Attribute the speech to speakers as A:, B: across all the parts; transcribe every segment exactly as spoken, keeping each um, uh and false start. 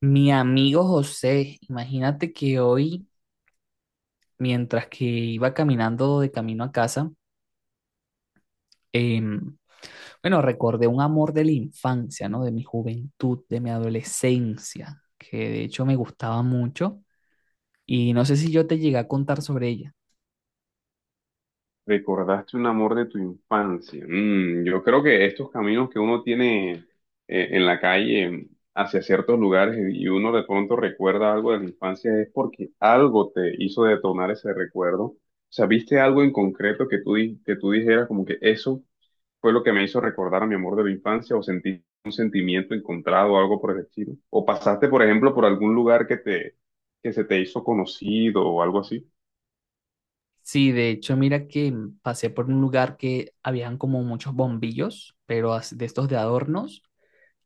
A: Mi amigo José, imagínate que hoy, mientras que iba caminando de camino a casa, em, bueno, recordé un amor de la infancia, ¿no? De mi juventud, de mi adolescencia, que de hecho me gustaba mucho y no sé si yo te llegué a contar sobre ella.
B: Recordaste un amor de tu infancia. Mm, yo creo que estos caminos que uno tiene eh, en la calle hacia ciertos lugares y uno de pronto recuerda algo de la infancia es porque algo te hizo detonar ese recuerdo. O sea, viste algo en concreto que tú, di- que tú dijeras como que eso fue lo que me hizo recordar a mi amor de la infancia o sentí un sentimiento encontrado o algo por el estilo. O pasaste, por ejemplo, por algún lugar que te, que se te hizo conocido o algo así.
A: Sí, de hecho, mira que em, pasé por un lugar que habían como muchos bombillos, pero as- de estos de adornos.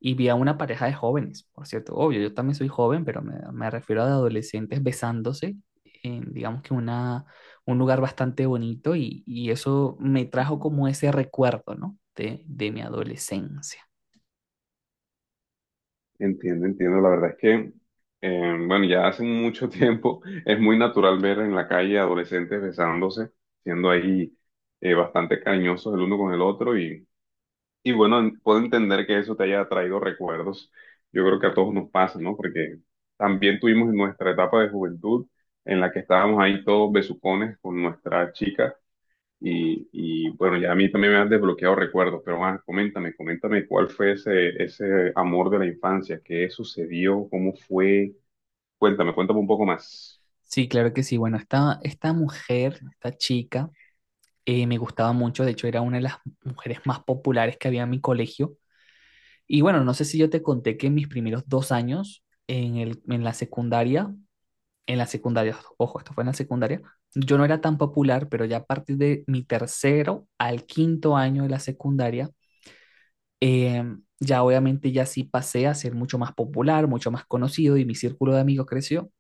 A: Y vi a una pareja de jóvenes, por cierto, obvio, yo también soy joven, pero me, me refiero a adolescentes besándose en, digamos que una, un lugar bastante bonito y, y eso me trajo como ese recuerdo, ¿no? De, de mi adolescencia.
B: Entiendo, entiendo. La verdad es que, eh, bueno, ya hace mucho tiempo es muy natural ver en la calle adolescentes besándose, siendo ahí eh, bastante cariñosos el uno con el otro y, y bueno, en- puedo entender que eso te haya traído recuerdos. Yo creo que a todos nos pasa, ¿no? Porque también tuvimos nuestra etapa de juventud en la que estábamos ahí todos besucones con nuestra chica y, y, bueno, ya a mí también me han desbloqueado recuerdos, pero ah, coméntame, coméntame cuál fue ese, ese amor de la infancia, qué sucedió, cómo fue. Cuéntame, cuéntame un poco más.
A: Sí, claro que sí. Bueno, esta, esta mujer, esta chica, eh, me gustaba mucho, de hecho era una de las mujeres más populares que había en mi colegio. Y bueno, no sé si yo te conté que en mis primeros dos años en, el, en la secundaria en la secundaria, ojo, esto fue en la secundaria, yo no era tan popular, pero ya a partir de mi tercero al quinto año de la secundaria, eh, ya obviamente ya sí pasé a ser mucho más popular, mucho más conocido y mi círculo de amigos creció.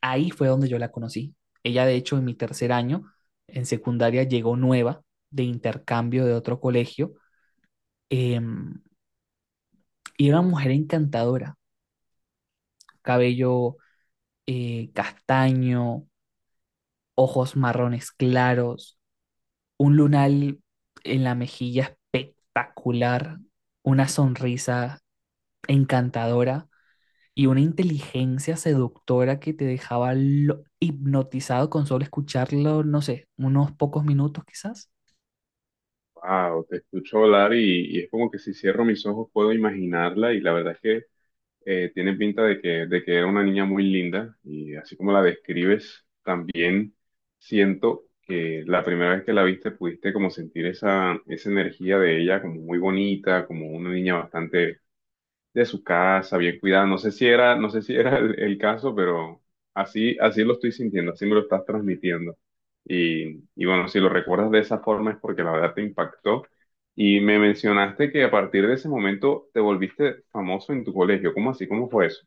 A: Ahí fue donde yo la conocí. Ella, de hecho, en mi tercer año, en secundaria, llegó nueva de intercambio de otro colegio, eh, y era una mujer encantadora, cabello eh, castaño, ojos marrones claros, un lunar en la mejilla espectacular, una sonrisa encantadora y una inteligencia seductora que te dejaba lo- hipnotizado con solo escucharlo, no sé, unos pocos minutos quizás.
B: Wow, te escucho hablar y, y es como que si cierro mis ojos puedo imaginarla y la verdad es que eh, tiene pinta de que, de que era una niña muy linda y así como la describes, también siento que la primera vez que la viste pudiste como sentir esa, esa energía de ella como muy bonita, como una niña bastante de su casa, bien cuidada. No sé si era, no sé si era el, el caso, pero así, así lo estoy sintiendo, así me lo estás transmitiendo. Y, y bueno, si lo recuerdas de esa forma es porque la verdad te impactó. Y me mencionaste que a partir de ese momento te volviste famoso en tu colegio. ¿Cómo así? ¿Cómo fue eso?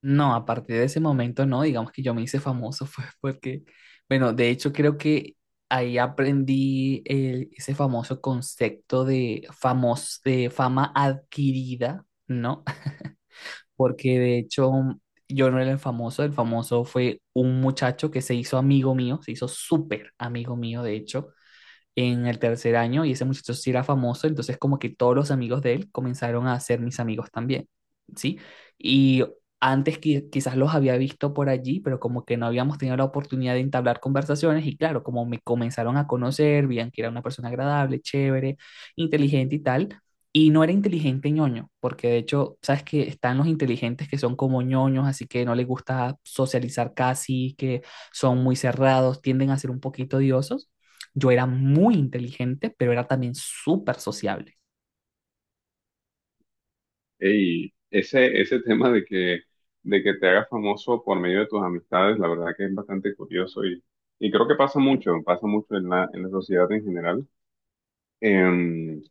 A: No, a partir de ese momento no, digamos que yo me hice famoso, fue porque, bueno, de hecho creo que ahí aprendí el- ese famoso concepto de, famos- de fama adquirida, ¿no? Porque de hecho yo no era el famoso, el famoso fue un muchacho que se hizo amigo mío, se hizo súper amigo mío, de hecho, en el tercer año y ese muchacho sí era famoso, entonces como que todos los amigos de él comenzaron a ser mis amigos también, ¿sí? Y antes qui- quizás los había visto por allí, pero como que no habíamos tenido la oportunidad de entablar conversaciones y claro, como me comenzaron a conocer, veían que era una persona agradable, chévere, inteligente y tal. Y no era inteligente ñoño, porque de hecho, sabes que están los inteligentes que son como ñoños, así que no les gusta socializar casi, que son muy cerrados, tienden a ser un poquito odiosos. Yo era muy inteligente, pero era también súper sociable.
B: Y ese, ese tema de que, de que te hagas famoso por medio de tus amistades, la verdad que es bastante curioso y, y creo que pasa mucho, pasa mucho en la, en la sociedad en general. Em,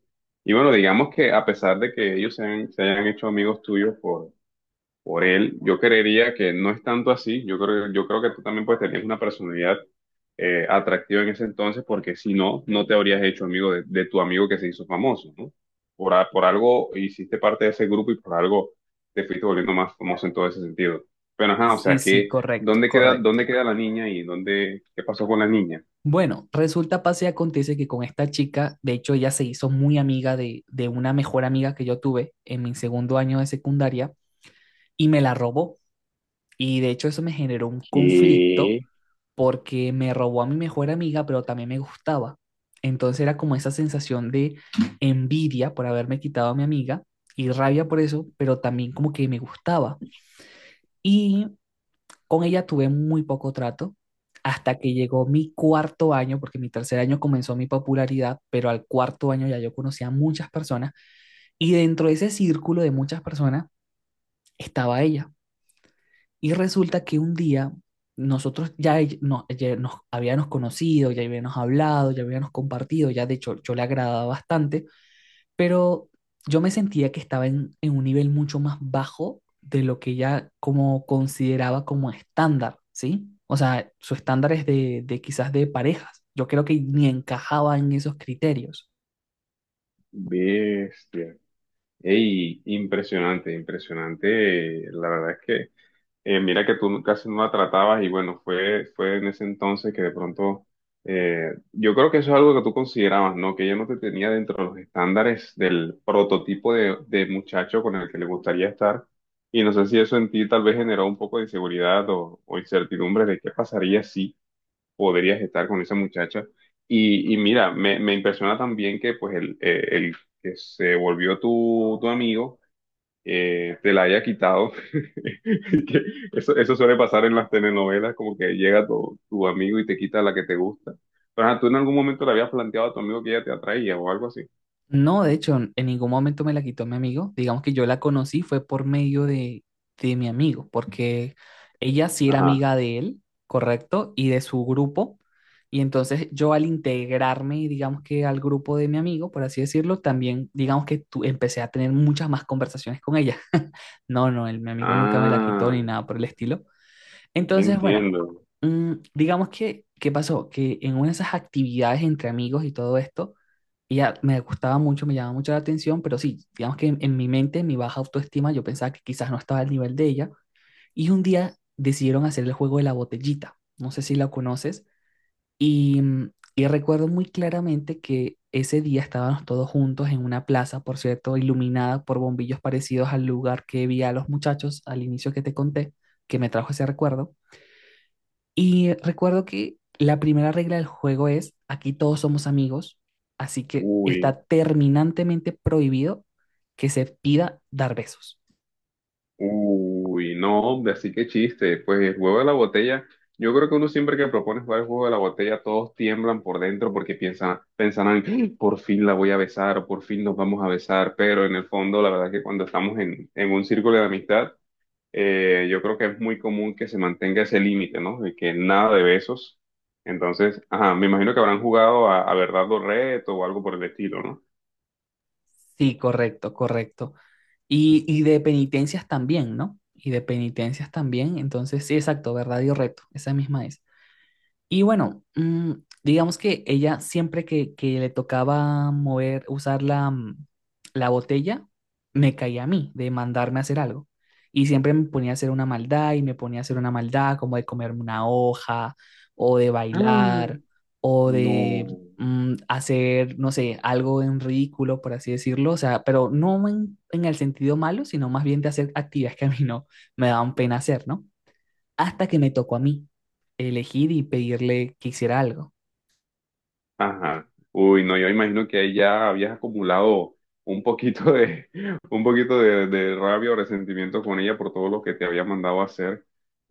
B: y bueno, digamos que a pesar de que ellos se, han- se hayan hecho amigos tuyos por, por él, yo creería que no es tanto así. Yo creo, yo creo que tú también pues tenías una personalidad eh, atractiva en ese entonces, porque si no, no te habrías hecho amigo de, de tu amigo que se hizo famoso, ¿no? Por, a- por algo hiciste parte de ese grupo y por algo te fuiste volviendo más famoso en todo ese sentido. Pero ajá, o sea,
A: Sí, sí,
B: que
A: correcto,
B: ¿dónde queda, dónde
A: correcto.
B: queda la niña y dónde, qué pasó con la niña?
A: Bueno, resulta, pase y acontece que con esta chica, de hecho ella se hizo muy amiga de, de una mejor amiga que yo tuve en mi segundo año de secundaria y me la robó. Y de hecho eso me generó un
B: Qué
A: conflicto porque me robó a mi mejor amiga, pero también me gustaba. Entonces era como esa sensación de envidia por haberme quitado a mi amiga y rabia por eso, pero también como que me gustaba. Y con ella tuve muy poco trato hasta que llegó mi cuarto año, porque mi tercer año comenzó mi popularidad, pero al cuarto año ya yo conocía a muchas personas y dentro de ese círculo de muchas personas estaba ella. Y resulta que un día nosotros ya, ell- no, ya nos habíamos conocido, ya habíamos hablado, ya habíamos compartido, ya de hecho yo le agradaba bastante, pero yo me sentía que estaba en, en un nivel mucho más bajo de lo que ella como consideraba como estándar, ¿sí? O sea, su estándar es de, de quizás de parejas. Yo creo que ni encajaba en esos criterios.
B: bestia. Ey, impresionante, impresionante. eh, La verdad es que, eh, mira que tú casi no la tratabas y bueno, fue, fue en ese entonces que de pronto, eh, yo creo que eso es algo que tú considerabas, ¿no? Que ella no te tenía dentro de los estándares del prototipo de, de muchacho con el que le gustaría estar. Y no sé si eso en ti tal vez generó un poco de inseguridad o, o incertidumbre de qué pasaría si podrías estar con esa muchacha. Y, y mira, me, me impresiona también que pues el, eh, el que se volvió tu, tu amigo eh, te la haya quitado. Que Eso, eso suele pasar en las telenovelas, como que llega tu, tu amigo y te quita la que te gusta. Pero ajá, tú en algún momento le habías planteado a tu amigo que ella te atraía o algo así.
A: No, de hecho, en ningún momento me la quitó mi amigo. Digamos que yo la conocí fue por medio de, de mi amigo, porque ella sí era
B: Ajá.
A: amiga de él, correcto, y de su grupo. Y entonces yo al integrarme, digamos que al grupo de mi amigo, por así decirlo, también, digamos que tu- empecé a tener muchas más conversaciones con ella. No, no, el, mi amigo nunca me la quitó
B: Ah,
A: ni nada por el estilo. Entonces, bueno,
B: entiendo.
A: mm, digamos que, ¿qué pasó? Que en una de esas actividades entre amigos y todo esto, ella me gustaba mucho, me llamaba mucho la atención, pero sí, digamos que en, en mi mente, en mi baja autoestima, yo pensaba que quizás no estaba al nivel de ella. Y un día decidieron hacer el juego de la botellita, no sé si la conoces, y, mm, y recuerdo muy claramente que ese día estábamos todos juntos en una plaza, por cierto, iluminada por bombillos parecidos al lugar que vi a los muchachos al inicio que te conté, que me trajo ese recuerdo. Y recuerdo que la primera regla del juego es, aquí todos somos amigos, así que
B: Uy.
A: está terminantemente prohibido que se pida dar besos.
B: Uy, no, hombre, así que chiste. Pues el juego de la botella, yo creo que uno siempre que propone jugar el juego de la botella, todos tiemblan por dentro porque piensan, piensan en, "¡Ah! Por fin la voy a besar o por fin nos vamos a besar", pero en el fondo, la verdad que cuando estamos en, en un círculo de amistad, eh, yo creo que es muy común que se mantenga ese límite, ¿no? De que nada de besos. Entonces, ajá, me imagino que habrán jugado a, a verdad o reto o algo por el estilo, ¿no?
A: Sí, correcto, correcto. Y, y de penitencias también, ¿no? Y de penitencias también. Entonces, sí, exacto, verdad y reto, esa misma es. Y bueno, mm, digamos que ella siempre que, que le tocaba mover, usar la, mm, la botella, me caía a mí de mandarme a hacer algo. Y siempre me ponía a hacer una maldad y me ponía a hacer una maldad como de comerme una hoja o de bailar
B: Ay,
A: o
B: no.
A: de mm, hacer, no sé, algo en ridículo, por así decirlo. O sea, pero no en, en el sentido malo, sino más bien de hacer actividades que a mí no me daban pena hacer, ¿no? Hasta que me tocó a mí elegir y pedirle que hiciera algo.
B: Ajá. Uy, no, yo imagino que ahí ya habías acumulado un poquito de, un poquito de, de rabia o resentimiento con ella por todo lo que te había mandado a hacer.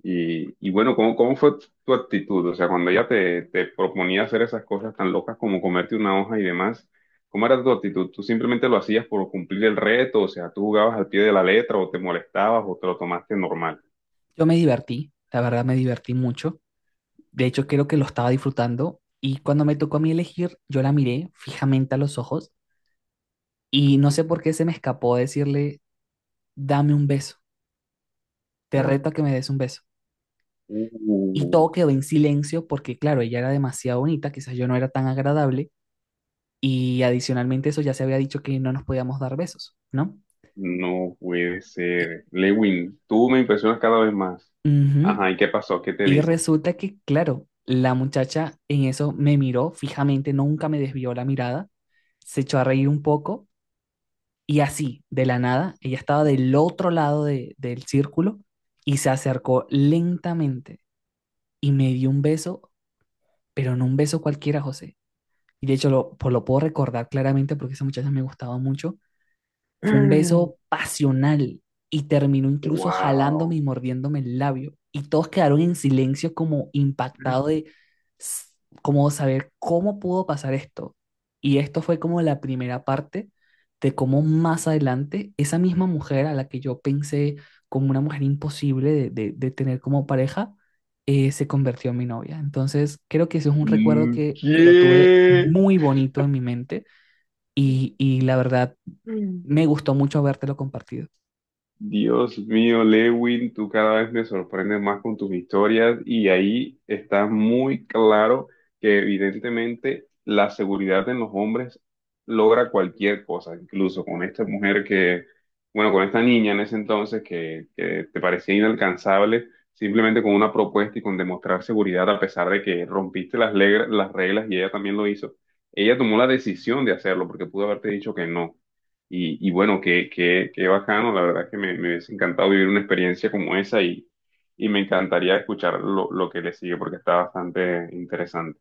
B: Y, y bueno, ¿cómo, cómo fue tu actitud? O sea, cuando ella te, te proponía hacer esas cosas tan locas como comerte una hoja y demás, ¿cómo era tu actitud? ¿Tú simplemente lo hacías por cumplir el reto? O sea, ¿tú jugabas al pie de la letra o te molestabas o te lo tomaste normal?
A: Yo me divertí, la verdad me divertí mucho. De hecho, creo que lo estaba disfrutando y cuando me tocó a mí elegir, yo la miré fijamente a los ojos y no sé por qué se me escapó decirle, dame un beso, te reto a que me des un beso. Y
B: Uh.
A: todo quedó en silencio porque, claro, ella era demasiado bonita, quizás yo no era tan agradable y adicionalmente eso ya se había dicho que no nos podíamos dar besos, ¿no?
B: No puede
A: Y,
B: ser. Lewin, tú me impresionas cada vez más.
A: ujú,
B: Ajá, ¿y qué pasó? ¿Qué te
A: y
B: dijo?
A: resulta que, claro, la muchacha en eso me miró fijamente, nunca me desvió la mirada, se echó a reír un poco y así, de la nada, ella estaba del otro lado de- del círculo y se acercó lentamente y me dio un beso, pero no un beso cualquiera, José. Y de hecho lo, pues lo puedo recordar claramente porque esa muchacha me gustaba mucho, fue un beso pasional y terminó incluso jalándome
B: Wow.
A: y mordiéndome el labio. Y todos quedaron en silencio como impactado de s- como saber cómo pudo pasar esto. Y esto fue como la primera parte de cómo más adelante esa misma mujer a la que yo pensé como una mujer imposible de, de- de tener como pareja, eh, se convirtió en mi novia. Entonces creo que ese es un recuerdo que, que lo tuve
B: ¿Qué?
A: muy bonito en mi mente y, y la verdad, me gustó mucho habértelo compartido.
B: Dios mío, Lewin, tú cada vez me sorprendes más con tus historias y ahí está muy claro que evidentemente la seguridad en los hombres logra cualquier cosa, incluso con esta mujer que, bueno, con esta niña en ese entonces que, que te parecía inalcanzable, simplemente con una propuesta y con demostrar seguridad a pesar de que rompiste las, legra- las reglas y ella también lo hizo. Ella tomó la decisión de hacerlo porque pudo haberte dicho que no. Y, y bueno, qué, qué, qué bacano, la verdad que me, me hubiese encantado vivir una experiencia como esa y, y me encantaría escuchar lo, lo que le sigue porque está bastante interesante.